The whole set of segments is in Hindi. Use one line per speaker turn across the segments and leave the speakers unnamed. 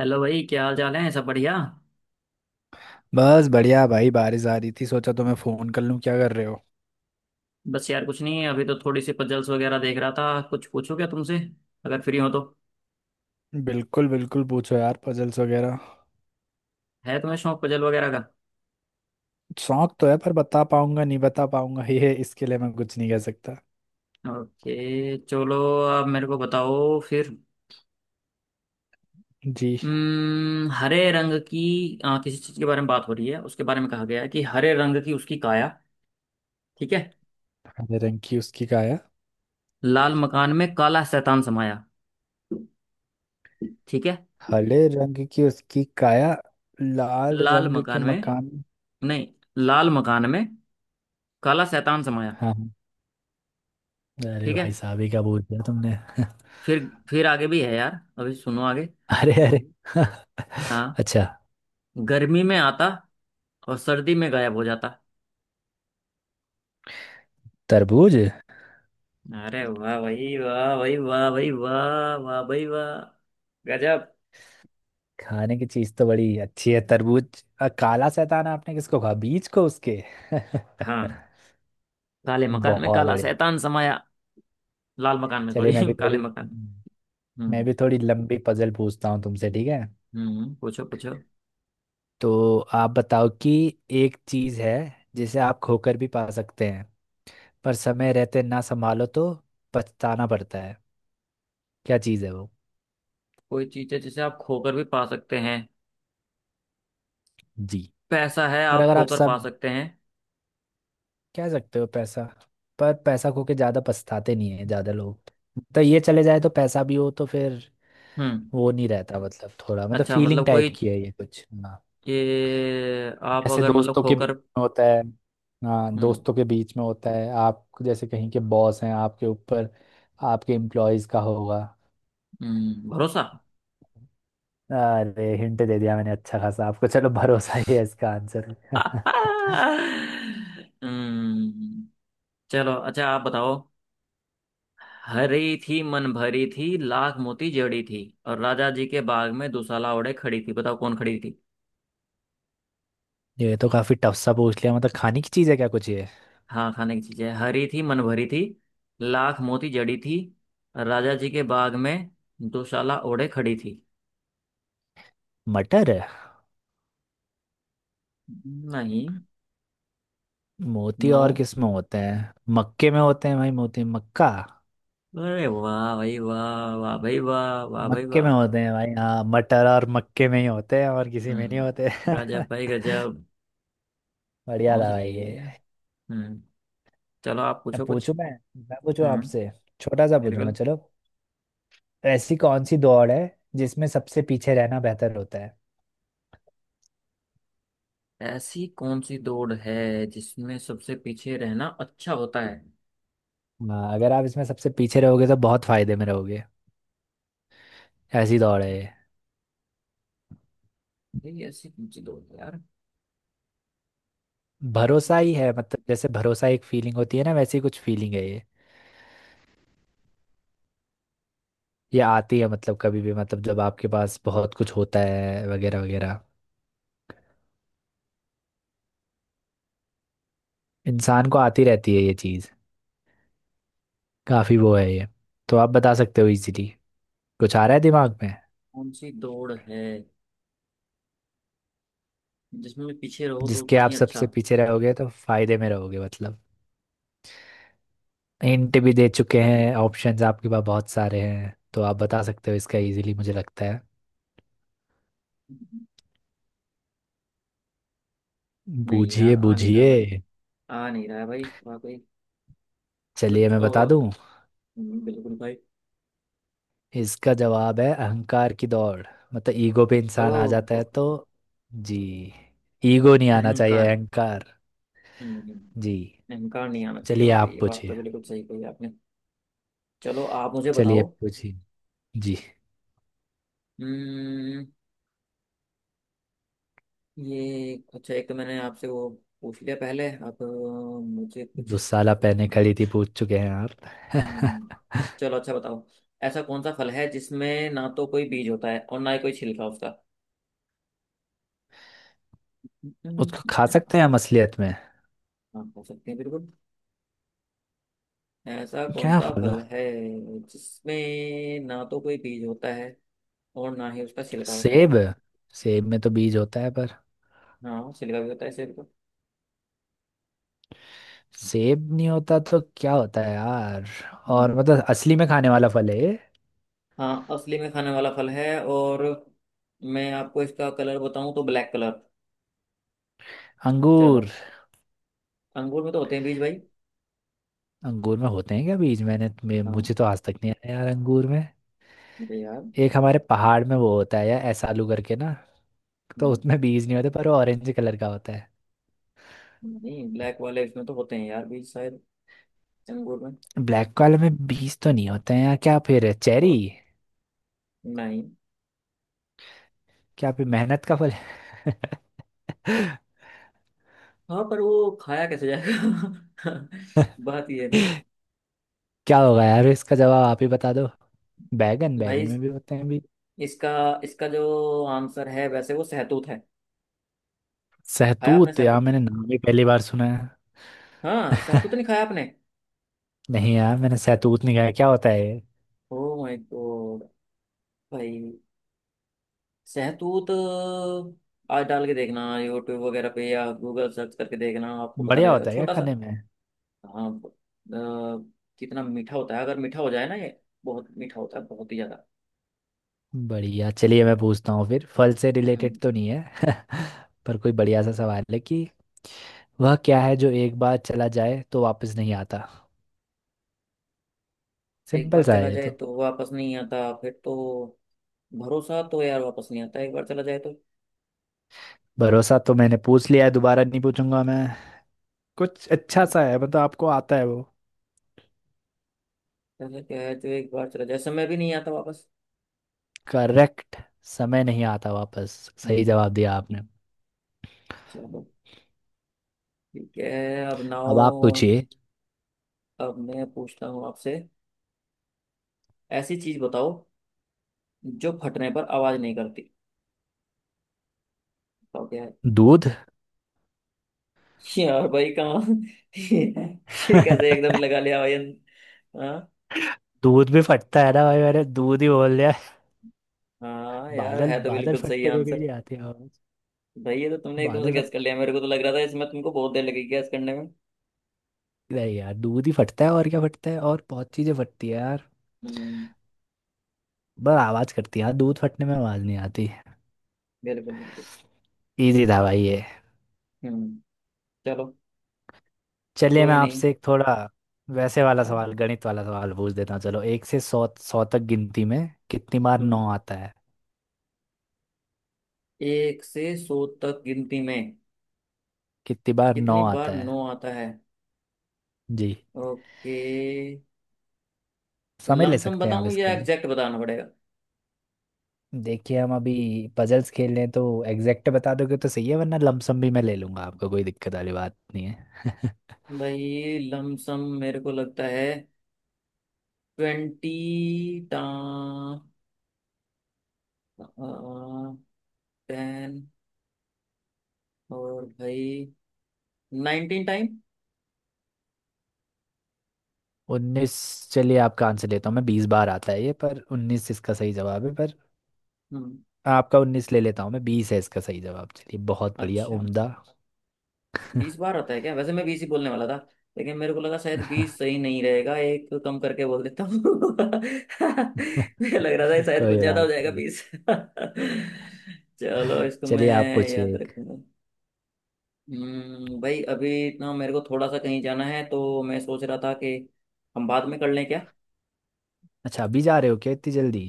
हेलो भाई, क्या हाल चाल है? सब बढ़िया।
बस बढ़िया भाई। बारिश आ रही थी, सोचा तो मैं फोन कर लूं। क्या कर रहे हो?
बस यार कुछ नहीं, अभी तो थोड़ी सी पजल्स वगैरह देख रहा था। कुछ पूछूं क्या तुमसे, अगर फ्री हो तो?
बिल्कुल बिल्कुल, पूछो यार, पजल्स वगैरह।
है तुम्हें शौक पजल वगैरह का?
शौक तो है पर बता पाऊंगा, नहीं बता पाऊंगा ये इसके लिए मैं कुछ नहीं कह सकता।
ओके चलो। अब मेरे को बताओ फिर।
जी।
हरे रंग की किसी चीज के बारे में बात हो रही है, उसके बारे में कहा गया है कि हरे रंग की उसकी काया। ठीक है।
हरे रंग की उसकी काया।
लाल मकान में काला शैतान समाया। ठीक है।
हरे रंग की उसकी काया, लाल
लाल
रंग के
मकान में।
मकान।
नहीं, लाल मकान में काला शैतान समाया।
हाँ हाँ। अरे
ठीक है।
भाई साहब, ये क्या बोल दिया तुमने?
फिर आगे भी है यार, अभी सुनो आगे।
अरे अरे
हाँ।
अच्छा।
गर्मी में आता और सर्दी में गायब हो जाता।
तरबूज।
अरे वाह भाई, वाह भाई, वाह भाई वाह, वाह भाई वाह। गजब।
खाने की चीज तो बड़ी अच्छी है, तरबूज। काला शैतान आपने किसको कहा, बीज को उसके?
हाँ। काले मकान में
बहुत
काला
बढ़िया।
शैतान समाया। लाल मकान में
चलिए
सॉरी काले मकान में।
मैं
हम्म।
भी थोड़ी लंबी पजल पूछता हूँ तुमसे। ठीक है?
हम्म, पूछो पूछो।
तो आप बताओ कि एक चीज है, जिसे आप खोकर भी पा सकते हैं, पर समय रहते ना संभालो तो पछताना पड़ता है। क्या चीज है वो?
कोई चीज है जिसे आप खोकर भी पा सकते हैं?
जी।
पैसा है,
पर
आप
अगर आप
खोकर पा
सब...
सकते हैं।
कह सकते हो पैसा, पर पैसा खो के ज्यादा पछताते नहीं है ज्यादा लोग। तो ये चले जाए तो पैसा भी हो तो फिर
हम्म।
वो नहीं रहता। मतलब थोड़ा, मतलब
अच्छा
फीलिंग
मतलब
टाइप
कोई,
की है ये कुछ।
ये आप
जैसे
अगर मतलब
दोस्तों के बीच
खोकर।
में होता है। हाँ,
हम्म।
दोस्तों के बीच में होता है। आप जैसे कहीं के बॉस हैं, आपके ऊपर आपके एम्प्लॉयज का होगा।
हम्म, भरोसा।
अरे हिंट दे दिया मैंने अच्छा खासा आपको। चलो, भरोसा ही है इसका आंसर।
हम्म चलो अच्छा, आप बताओ। हरी थी, मन भरी थी, लाख मोती जड़ी थी, और राजा जी के बाग में दुशाला ओढ़े खड़ी थी। बताओ कौन खड़ी थी।
ये तो काफी टफ सा पूछ लिया। मतलब खाने की चीज है क्या कुछ ये?
हाँ, खाने की चीजें। हरी थी, मन भरी थी, लाख मोती जड़ी थी, और राजा जी के बाग में दुशाला ओढ़े खड़ी थी।
मटर है?
नहीं।
मोती
नो।
और किस में होते हैं? मक्के में होते हैं भाई, मोती, मक्का।
अरे वाह भाई वाह, वाह भाई वाह, वाह भाई
मक्के
वाह।
में होते हैं भाई। हाँ, मटर और मक्के में ही होते हैं, और किसी में नहीं होते
हम्म। राजा भाई गजब।
बढ़िया
पहुंच
था भाई ये।
लिए। हम्म चलो, आप
अब
पूछो कुछ।
पूछू मैं पूछू
हम्म
आपसे। छोटा सा
मेरे को।
पूछूंगा चलो। ऐसी कौन सी दौड़ है जिसमें सबसे पीछे रहना बेहतर होता है?
ऐसी कौन सी दौड़ है जिसमें सबसे पीछे रहना अच्छा होता है?
हाँ, अगर आप इसमें सबसे पीछे रहोगे तो बहुत फायदे में रहोगे। ऐसी दौड़ है ये।
ये ऐसी कौन सी दौड़ है यार?
भरोसा ही है, मतलब जैसे भरोसा एक फीलिंग होती है ना, वैसी कुछ फीलिंग है ये। ये आती है मतलब कभी भी, मतलब जब आपके पास बहुत कुछ होता है वगैरह वगैरह, इंसान को आती रहती है ये चीज़। काफ़ी वो है ये, तो आप बता सकते हो इजीली। कुछ आ रहा है दिमाग में?
कौन सी दौड़ है जिसमें पीछे रहो तो
जिसके
उतना
आप
ही अच्छा?
सबसे पीछे रहोगे तो फायदे में रहोगे मतलब। हिंट भी दे चुके हैं, ऑप्शंस आपके पास बहुत सारे हैं, तो आप बता सकते हो इसका इजीली मुझे लगता है।
नहीं
बूझिए
यार, आ नहीं रहा
बूझिए।
भाई। आ नहीं रहा है भाई वाकई।
चलिए
कुछ
मैं बता
और।
दूं।
बिल्कुल भाई।
इसका जवाब है अहंकार की दौड़। मतलब ईगो पे
ओह।
इंसान आ जाता
हो,
है तो।
हो।
जी। ईगो नहीं आना चाहिए,
अहंकार।
अहंकार।
हम्म,
जी।
अहंकार नहीं आना चाहिए
चलिए
वाकई।
आप
ये बात
पूछिए।
तो बिल्कुल सही कही आपने। चलो, आप मुझे
चलिए
बताओ।
पूछिए। जी।
हम्म ये अच्छा, एक तो मैंने आपसे वो पूछ लिया पहले। अब मुझे कुछ।
दुसाला पहने खड़ी थी पूछ चुके हैं
हम्म,
आप।
चलो अच्छा बताओ। ऐसा कौन सा फल है जिसमें ना तो कोई बीज होता है और ना ही कोई छिलका उसका?
उसको खा सकते हैं हम असलियत में?
हाँ, हो सकते हैं बिल्कुल। ऐसा कौन
क्या
सा
फल है?
फल है जिसमें ना तो कोई बीज होता है और ना ही उसका छिलका होता
सेब।
है?
सेब में तो बीज होता है पर...
हाँ, छिलका भी होता है छिलका।
सेब नहीं होता तो क्या होता है यार?
हम्म।
और मतलब असली में खाने वाला फल है ये।
हाँ, असली में खाने वाला फल है। और मैं आपको इसका कलर बताऊं, तो ब्लैक कलर।
अंगूर।
चलो। अंगूर में तो होते हैं बीज भाई।
अंगूर में होते हैं क्या बीज?
हाँ।
मुझे तो आज तक नहीं आया यार, अंगूर में।
अरे यार।
एक हमारे पहाड़ में वो होता है यार, ऐसालू करके ना, तो
हम्म।
उसमें बीज नहीं होते, पर वो ऑरेंज कलर का होता है।
नहीं, ब्लैक वाले इसमें तो होते हैं यार बीज शायद, अंगूर में।
ब्लैक वाले में बीज तो नहीं होते हैं यार। क्या फिर है? चेरी?
और नहीं।
क्या फिर मेहनत का फल है?
हाँ, पर वो खाया कैसे जाएगा? बात ये है ना।
क्या होगा यार इसका जवाब? आप ही बता दो। बैगन?
भाई
बैगन
इस-
में भी होते हैं बीज।
इसका इसका जो आंसर है, वैसे वो सहतूत है। खाया आपने
सहतूत, यार
सहतूत?
मैंने नाम ही पहली बार सुना।
हाँ, सहतूत नहीं खाया आपने?
नहीं यार, मैंने सैतूत नहीं खाया। क्या होता है ये?
Oh my god. भाई सहतूत! आज डाल के देखना यूट्यूब वगैरह पे, या गूगल सर्च करके देखना, आपको पता
बढ़िया
लगेगा
होता है क्या
छोटा सा।
खाने में?
हाँ। कितना मीठा होता है अगर मीठा हो जाए ना ये। बहुत मीठा होता है, बहुत ही ज्यादा।
बढ़िया, चलिए मैं पूछता हूँ फिर। फल से रिलेटेड
हम्म
तो नहीं है पर कोई बढ़िया सा सवाल है कि वह क्या है जो एक बार चला जाए तो वापस नहीं आता?
एक
सिंपल
बार
सा
चला
है ये
जाए
तो।
तो वापस नहीं आता, फिर तो भरोसा तो यार वापस नहीं आता एक बार चला जाए तो।
भरोसा तो मैंने पूछ लिया है, दोबारा नहीं पूछूंगा मैं। कुछ अच्छा सा है, मतलब आपको आता है वो?
ऐसा क्या है जो एक बार चला जाए? समय भी नहीं आता वापस।
करेक्ट। समय नहीं आता वापस। सही
हम्म।
जवाब दिया आपने।
चलो ठीक है। अब
अब
नाओ।
आप पूछिए।
अब मैं पूछता हूँ आपसे। ऐसी चीज बताओ जो फटने पर आवाज नहीं करती। बताओ क्या है।
दूध।
यार भाई कहाँ, ये कैसे एकदम लगा लिया भाई। हाँ।
दूध भी फटता है ना भाई, मैंने दूध ही बोल...
हाँ यार,
बादल
है तो
बादल
बिल्कुल सही
फटने पे भी
आंसर।
नहीं आती आवाज।
भाई ये तो तुमने एकदम से
बादल फट...
गैस कर लिया। मेरे को तो लग रहा था इसमें तुमको बहुत देर लगेगी गैस करने में।
नहीं यार, दूध ही फटता है। और क्या फटता है? और बहुत चीजें फटती है यार,
हम्म,
बस आवाज करती है यार, दूध फटने में आवाज नहीं आती।
बिल्कुल बिल्कुल।
इजी था भाई ये।
हम्म। चलो।
चलिए मैं
कोई नहीं।
आपसे एक थोड़ा वैसे वाला सवाल, गणित वाला सवाल पूछ देता हूँ चलो। एक से सौ सौ तक गिनती में कितनी बार
हम्म,
9 आता है?
एक से 100 तक गिनती में
कितनी बार
कितनी
नौ
बार
आता है?
नो आता है?
जी।
ओके।
समझ ले
लमसम
सकते हैं आप
बताऊं
इसके
या
लिए।
एग्जैक्ट बताना पड़ेगा?
देखिए हम अभी पजल्स खेल रहे हैं, तो एग्जैक्ट बता दोगे तो सही है, वरना लमसम भी मैं ले लूंगा, आपको कोई दिक्कत वाली बात नहीं है।
भाई लमसम मेरे को लगता है 20, टा, 10 और भाई 19 टाइम।
19? चलिए आपका आंसर लेता हूँ मैं। 20 बार आता है ये, पर 19 इसका सही जवाब है। पर
हम्म।
आपका 19 ले लेता हूँ मैं। 20 है इसका सही जवाब। चलिए बहुत बढ़िया,
अच्छा,
उम्दा
20 बार होता है क्या? वैसे मैं 20 ही बोलने वाला था, लेकिन मेरे को लगा शायद 20 सही नहीं रहेगा, एक कम करके बोल देता हूँ। मुझे लग रहा था ये शायद कुछ
कोई
ज्यादा हो
बात
जाएगा
नहीं,
20। चलो इसको मैं
चलिए आप पूछिए
याद
एक।
रखूंगा। भाई अभी ना मेरे को थोड़ा सा कहीं जाना है, तो मैं सोच रहा था कि हम बाद में कर लें क्या?
अच्छा अभी जा रहे हो क्या इतनी जल्दी?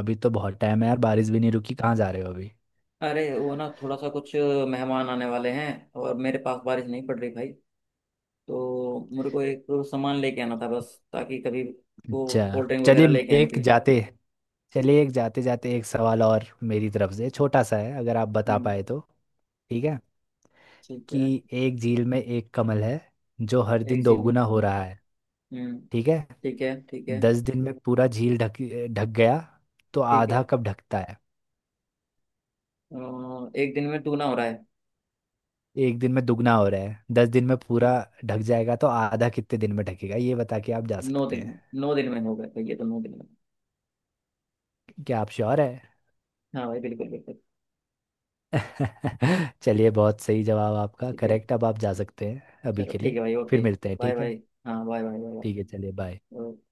अभी तो बहुत टाइम है यार, बारिश भी नहीं रुकी, कहाँ जा रहे हो अभी?
अरे वो ना थोड़ा सा कुछ मेहमान आने वाले हैं। और मेरे पास बारिश नहीं पड़ रही भाई, तो मेरे को एक सामान लेके आना था, बस ताकि कभी वो
अच्छा
कोल्ड ड्रिंक
चलिए,
वगैरह लेके आनी
एक
थी।
जाते... चलिए एक जाते जाते एक सवाल और मेरी तरफ से, छोटा सा है, अगर आप बता
हम्म,
पाए तो। ठीक है?
ठीक है।
कि एक झील में एक कमल है जो हर
एक
दिन
झील में
दोगुना
इतना।
हो रहा है।
हम्म,
ठीक है।
ठीक है। ठीक है,
10 दिन में पूरा झील ढक ढक गया, तो
ठीक है।
आधा कब ढकता है?
1 दिन में टूना हो रहा है।
एक दिन में दुगना हो रहा है, 10 दिन में पूरा
ठीक।
ढक जाएगा, तो आधा कितने दिन में ढकेगा? ये बता के आप जा
नौ
सकते
दिन
हैं।
में, 9 दिन में हो गया तो ये तो 9 दिन में।
क्या आप श्योर है?
हाँ भाई, बिल्कुल बिल्कुल।
चलिए बहुत सही जवाब आपका,
ठीक है।
करेक्ट। अब आप जा सकते हैं अभी
चलो
के
ठीक
लिए।
है भाई,
फिर
ओके।
मिलते हैं,
बाय
ठीक है।
बाय। हाँ, बाय बाय।
ठीक है चलिए, बाय।
बाय।